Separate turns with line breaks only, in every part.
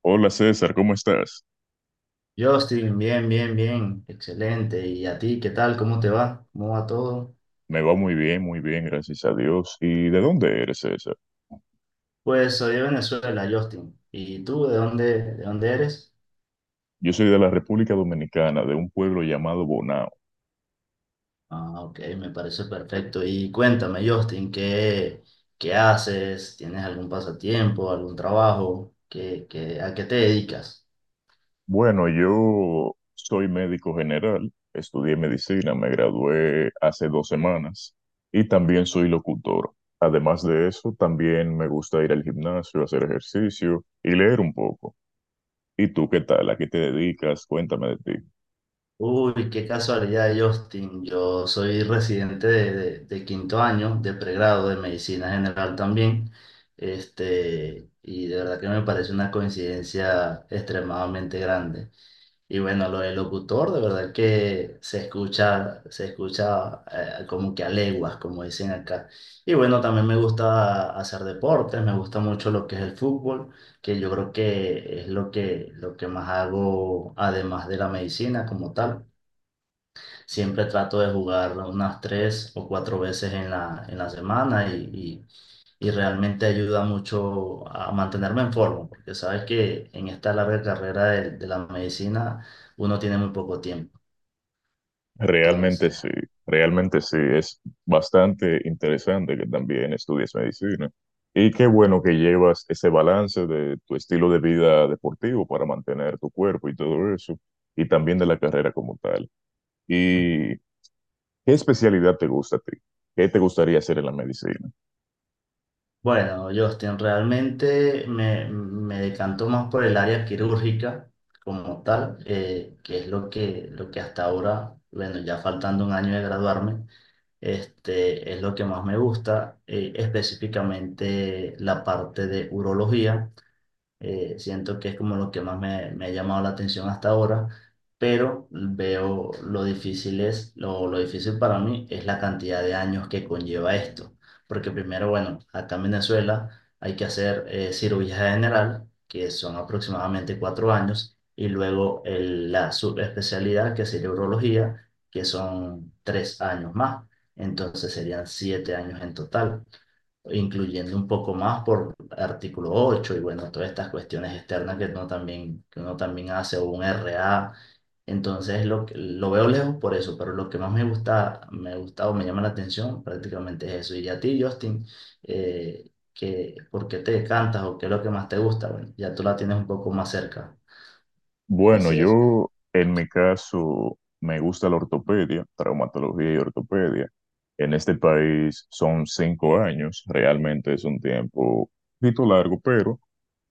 Hola César, ¿cómo estás?
Justin, bien, bien, bien, excelente. ¿Y a ti qué tal? ¿Cómo te va? ¿Cómo va todo?
Me va muy bien, gracias a Dios. ¿Y de dónde eres, César?
Pues soy de Venezuela, Justin. ¿Y tú de dónde eres?
Yo soy de la República Dominicana, de un pueblo llamado Bonao.
Ah, ok, me parece perfecto. Y cuéntame, Justin, ¿qué haces? ¿Tienes algún pasatiempo, algún trabajo? ¿A qué te dedicas?
Bueno, yo soy médico general, estudié medicina, me gradué hace dos semanas y también soy locutor. Además de eso, también me gusta ir al gimnasio, hacer ejercicio y leer un poco. ¿Y tú qué tal? ¿A qué te dedicas? Cuéntame de ti.
Uy, qué casualidad, Justin. Yo soy residente de quinto año de pregrado de medicina general también. Y de verdad que me parece una coincidencia extremadamente grande. Y bueno, lo del locutor, de verdad que se escucha como que a leguas, como dicen acá. Y bueno, también me gusta hacer deportes, me gusta mucho lo que es el fútbol, que yo creo que es lo que, más hago además de la medicina como tal. Siempre trato de jugar unas 3 o 4 veces en la semana, y realmente ayuda mucho a mantenerme en forma, porque sabes que en esta larga carrera de la medicina uno tiene muy poco tiempo.
Realmente
Entonces,
sí, realmente sí, es bastante interesante que también estudies medicina. Y qué bueno que llevas ese balance de tu estilo de vida deportivo para mantener tu cuerpo y todo eso, y también de la carrera como tal. ¿Y qué especialidad te gusta a ti? ¿Qué te gustaría hacer en la medicina?
bueno, Justin, realmente me decanto más por el área quirúrgica como tal, que es lo que hasta ahora, bueno, ya faltando un año de graduarme. Es lo que más me gusta, específicamente la parte de urología. Siento que es como lo que más me ha llamado la atención hasta ahora, pero veo lo difícil es, lo difícil para mí es la cantidad de años que conlleva esto. Porque primero, bueno, acá en Venezuela hay que hacer cirugía general, que son aproximadamente 4 años, y luego la subespecialidad, que sería urología, que son 3 años más. Entonces serían 7 años en total, incluyendo un poco más por artículo 8 y bueno, todas estas cuestiones externas que uno también, hace o un RA. Entonces lo veo lejos por eso, pero lo que más me gusta o me llama la atención prácticamente es eso. Y a ti, Justin, ¿por qué te cantas o qué es lo que más te gusta? Bueno, ya tú la tienes un poco más cerca,
Bueno,
así es.
yo en mi caso me gusta la ortopedia, traumatología y ortopedia. En este país son 5 años, realmente es un tiempo un poquito largo, pero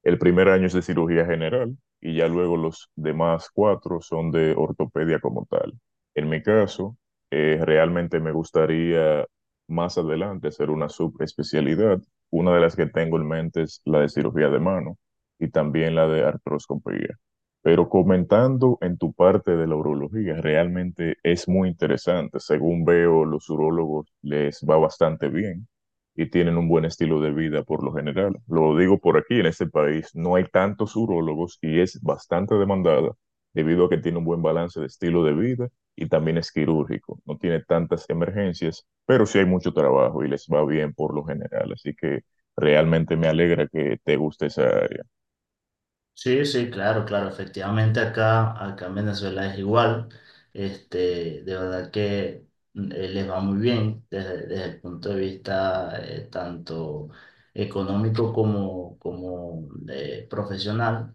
el primer año es de cirugía general y ya luego los demás 4 son de ortopedia como tal. En mi caso, realmente me gustaría más adelante hacer una subespecialidad. Una de las que tengo en mente es la de cirugía de mano y también la de artroscopía. Pero comentando en tu parte de la urología, realmente es muy interesante. Según veo, los urólogos les va bastante bien y tienen un buen estilo de vida por lo general. Lo digo por aquí, en este país no hay tantos urólogos y es bastante demandada debido a que tiene un buen balance de estilo de vida y también es quirúrgico. No tiene tantas emergencias, pero sí hay mucho trabajo y les va bien por lo general. Así que realmente me alegra que te guste esa área.
Sí, sí, claro, claro, efectivamente acá en Venezuela es igual. De verdad que les va muy bien desde el punto de vista, tanto económico como profesional.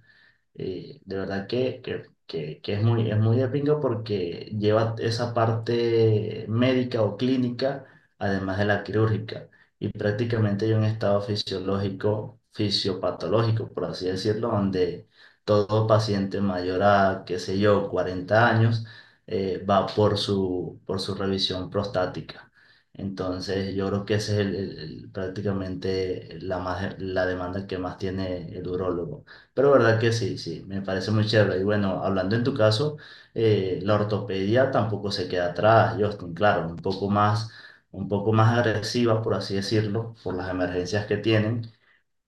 De verdad que es muy de pinga, porque lleva esa parte médica o clínica, además de la quirúrgica, y prácticamente hay un estado fisiológico, fisiopatológico, por así decirlo, donde todo paciente mayor a, qué sé yo, 40 años, va por su revisión prostática. Entonces, yo creo que esa es prácticamente la demanda que más tiene el urólogo. Pero verdad que sí, sí, me parece muy chévere. Y bueno, hablando en tu caso, la ortopedia tampoco se queda atrás, Justin, claro, un poco más agresiva, por así decirlo, por las emergencias que tienen,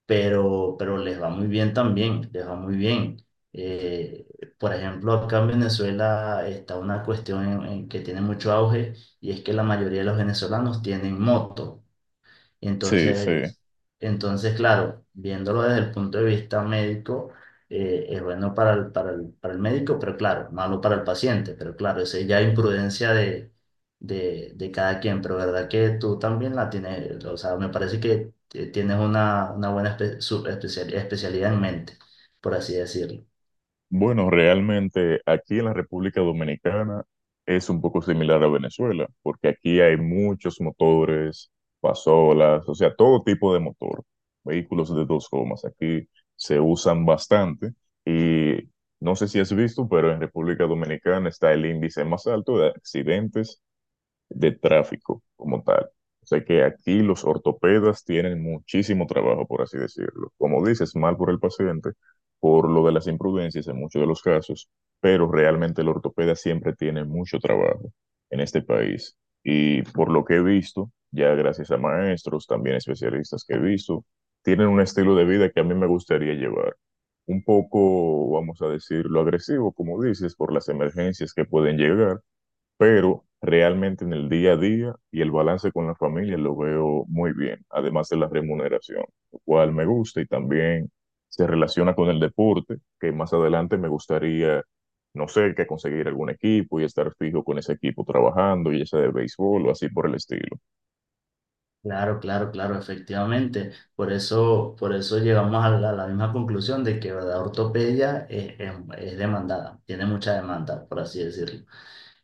pero les va muy bien también, les va muy bien. Eh, por ejemplo, acá en Venezuela está una cuestión en que tiene mucho auge, y es que la mayoría de los venezolanos tienen moto. Y
Sí, sí.
entonces, claro, viéndolo desde el punto de vista médico, es bueno para el médico, pero claro, malo para el paciente, pero claro, esa ya es imprudencia de cada quien, pero verdad que tú también la tienes. O sea, me parece que tienes una buena especialidad en mente, por así decirlo.
Bueno, realmente aquí en la República Dominicana es un poco similar a Venezuela, porque aquí hay muchos motores, pasolas, o sea, todo tipo de motor, vehículos de dos gomas, aquí se usan bastante y no sé si has visto, pero en República Dominicana está el índice más alto de accidentes de tráfico como tal. O sea que aquí los ortopedas tienen muchísimo trabajo, por así decirlo. Como dices, mal por el paciente, por lo de las imprudencias en muchos de los casos, pero realmente el ortopeda siempre tiene mucho trabajo en este país. Y por lo que he visto, ya gracias a maestros, también especialistas que he visto, tienen un estilo de vida que a mí me gustaría llevar. Un poco, vamos a decirlo, agresivo, como dices, por las emergencias que pueden llegar, pero realmente en el día a día y el balance con la familia lo veo muy bien, además de la remuneración, lo cual me gusta y también se relaciona con el deporte, que más adelante me gustaría, no sé, que conseguir algún equipo y estar fijo con ese equipo trabajando, ya sea de béisbol o así por el estilo.
Claro, claro, claro, efectivamente. Por eso llegamos a la misma conclusión de que la ortopedia es demandada, tiene mucha demanda, por así decirlo.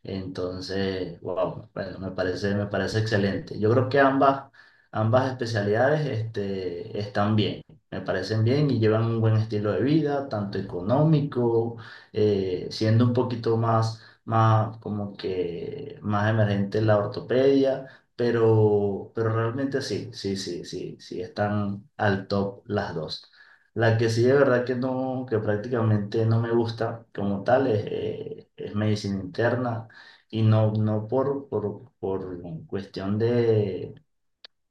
Entonces, wow, bueno, me parece excelente. Yo creo que ambas especialidades, están bien, me parecen bien y llevan un buen estilo de vida, tanto económico, siendo un poquito más como que más emergente la ortopedia, pero realmente sí, sí, sí, sí, sí, están al top las dos. La que sí de verdad que no, que prácticamente no me gusta como tal es medicina interna. Y no, no por cuestión de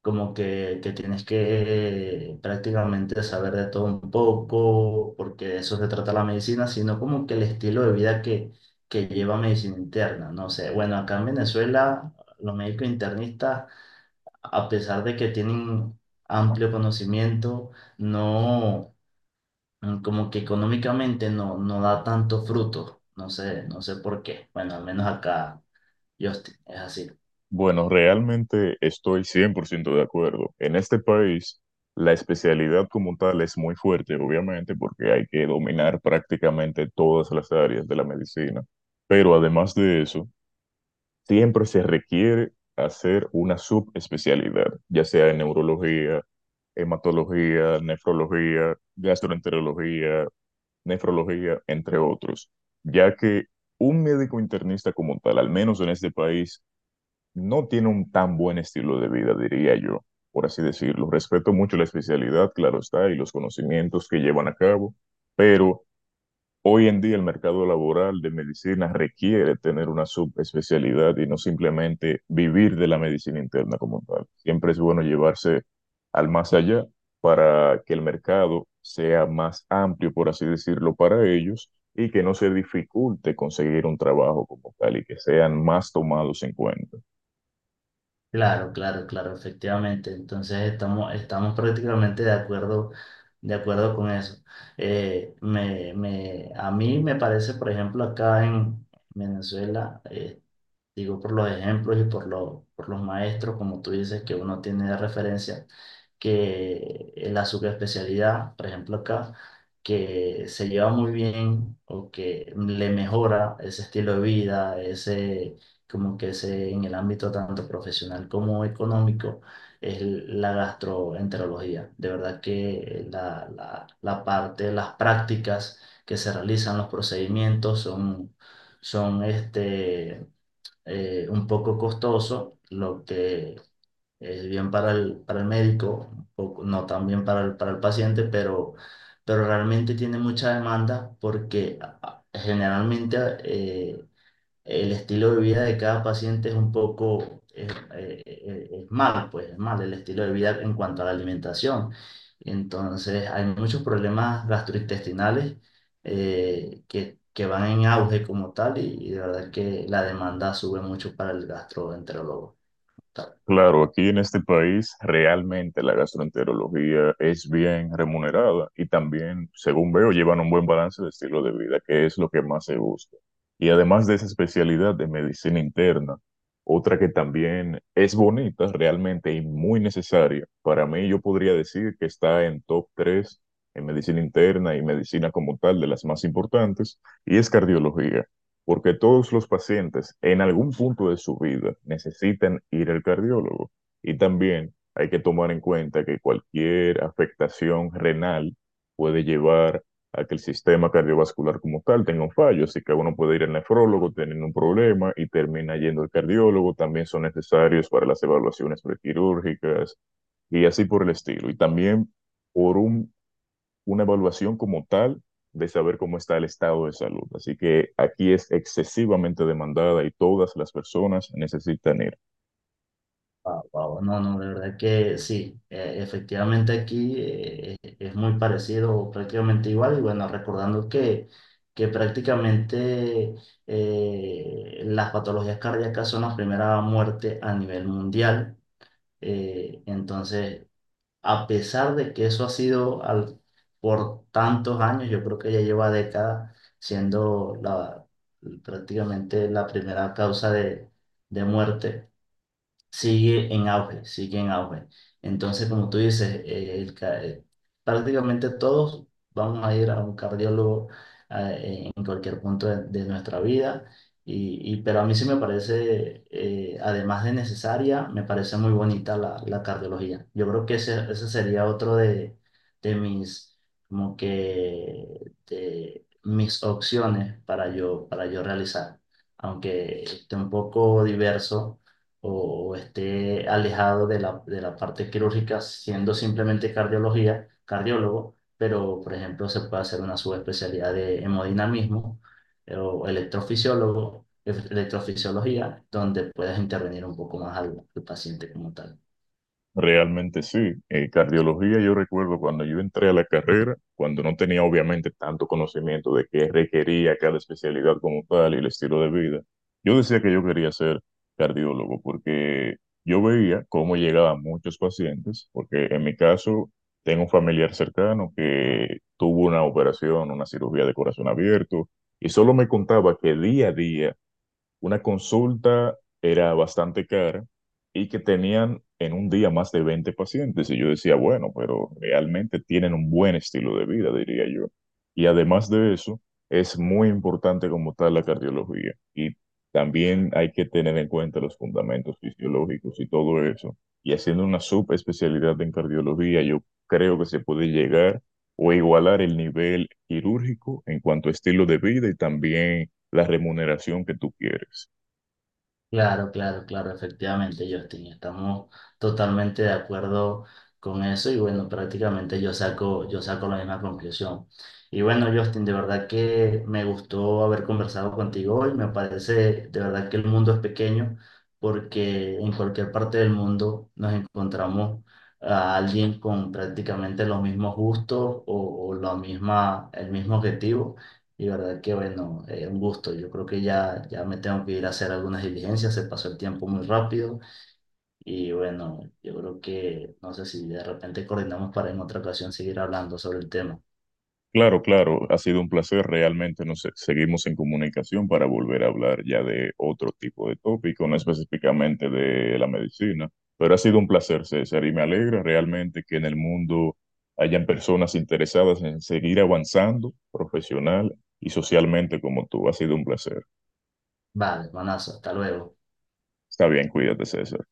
como que tienes que prácticamente saber de todo un poco, porque de eso se trata la medicina, sino como que el estilo de vida que lleva medicina interna. No sé, bueno, acá en Venezuela los médicos internistas, a pesar de que tienen amplio conocimiento, no, como que económicamente no, no da tanto fruto. No sé, no sé por qué. Bueno, al menos acá, Justin, es así.
Bueno, realmente estoy 100% de acuerdo. En este país, la especialidad como tal es muy fuerte, obviamente, porque hay que dominar prácticamente todas las áreas de la medicina. Pero además de eso, siempre se requiere hacer una subespecialidad, ya sea en neurología, hematología, nefrología, gastroenterología, nefrología, entre otros, ya que un médico internista como tal, al menos en este país, no tiene un tan buen estilo de vida, diría yo, por así decirlo. Respeto mucho la especialidad, claro está, y los conocimientos que llevan a cabo, pero hoy en día el mercado laboral de medicina requiere tener una subespecialidad y no simplemente vivir de la medicina interna como tal. Siempre es bueno llevarse al más allá para que el mercado sea más amplio, por así decirlo, para ellos y que no se dificulte conseguir un trabajo como tal y que sean más tomados en cuenta.
Claro, claro, claro, efectivamente. Entonces estamos prácticamente de acuerdo con eso. A mí me parece, por ejemplo, acá en Venezuela, digo, por los ejemplos y por los maestros, como tú dices, que uno tiene de referencia, que en la subespecialidad, por ejemplo acá, que se lleva muy bien, o que le mejora ese estilo de vida, ese, como que ese, en el ámbito tanto profesional como económico, es la gastroenterología. De verdad que la parte, las prácticas que se realizan, los procedimientos son un poco costoso, lo que es bien para el médico, no tan bien para el paciente, pero realmente tiene mucha demanda porque generalmente eh, el estilo de vida de cada paciente es un poco, es mal, pues es mal el estilo de vida en cuanto a la alimentación. Entonces, hay muchos problemas gastrointestinales, que van en auge como tal, y de verdad que la demanda sube mucho para el gastroenterólogo.
Claro, aquí en este país realmente la gastroenterología es bien remunerada y también, según veo, llevan un buen balance de estilo de vida, que es lo que más se busca. Y además de esa especialidad de medicina interna, otra que también es bonita realmente y muy necesaria, para mí yo podría decir que está en top 3 en medicina interna y medicina como tal de las más importantes, y es cardiología porque todos los pacientes en algún punto de su vida necesitan ir al cardiólogo. Y también hay que tomar en cuenta que cualquier afectación renal puede llevar a que el sistema cardiovascular como tal tenga un fallo, así que uno puede ir al nefrólogo teniendo un problema y termina yendo al cardiólogo, también son necesarios para las evaluaciones prequirúrgicas y así por el estilo. Y también por un una evaluación como tal de saber cómo está el estado de salud. Así que aquí es excesivamente demandada y todas las personas necesitan ir.
Wow, wow. No, no, de verdad que sí. Efectivamente aquí es muy parecido, o prácticamente igual, y bueno, recordando que, prácticamente las patologías cardíacas son la primera muerte a nivel mundial. Entonces, a pesar de que eso ha sido por tantos años, yo creo que ya lleva décadas siendo prácticamente la primera causa de muerte, sigue en auge, sigue en auge. Entonces, como tú dices, prácticamente todos vamos a ir a un cardiólogo en cualquier punto de nuestra vida, pero a mí sí me parece, además de necesaria, me parece muy bonita la cardiología. Yo creo que ese sería otro de mis, de mis opciones para yo realizar, aunque esté un poco diverso, o esté alejado de la parte quirúrgica, siendo simplemente cardiología, cardiólogo, pero por ejemplo se puede hacer una subespecialidad de hemodinamismo, o electrofisiología, donde puedas intervenir un poco más al paciente como tal.
Realmente sí. Cardiología, yo recuerdo cuando yo entré a la carrera, cuando no tenía obviamente tanto conocimiento de qué requería cada especialidad como tal y el estilo de vida, yo decía que yo quería ser cardiólogo porque yo veía cómo llegaban muchos pacientes, porque en mi caso tengo un familiar cercano que tuvo una operación, una cirugía de corazón abierto, y solo me contaba que día a día una consulta era bastante cara y que tenían en un día más de 20 pacientes. Y yo decía, bueno, pero realmente tienen un buen estilo de vida, diría yo. Y además de eso, es muy importante como tal la cardiología. Y también hay que tener en cuenta los fundamentos fisiológicos y todo eso. Y haciendo una subespecialidad en cardiología, yo creo que se puede llegar o igualar el nivel quirúrgico en cuanto a estilo de vida y también la remuneración que tú quieres.
Claro, claro, claro, efectivamente, Justin, estamos totalmente de acuerdo con eso, y bueno, prácticamente yo saco la misma conclusión. Y bueno, Justin, de verdad que me gustó haber conversado contigo hoy. Me parece de verdad que el mundo es pequeño, porque en cualquier parte del mundo nos encontramos a alguien con prácticamente los mismos gustos, o el mismo objetivo. Y verdad que bueno, un gusto. Yo creo que ya me tengo que ir a hacer algunas diligencias, se pasó el tiempo muy rápido, y bueno, yo creo que no sé si de repente coordinamos para en otra ocasión seguir hablando sobre el tema.
Claro, claro, ha sido un placer. Realmente nos seguimos en comunicación para volver a hablar ya de otro tipo de tópico, no específicamente de la medicina, pero ha sido un placer, César, y me alegra realmente que en el mundo hayan personas interesadas en seguir avanzando profesional y socialmente como tú. Ha sido un placer.
Vale, manazo, hasta luego.
Está bien, cuídate, César.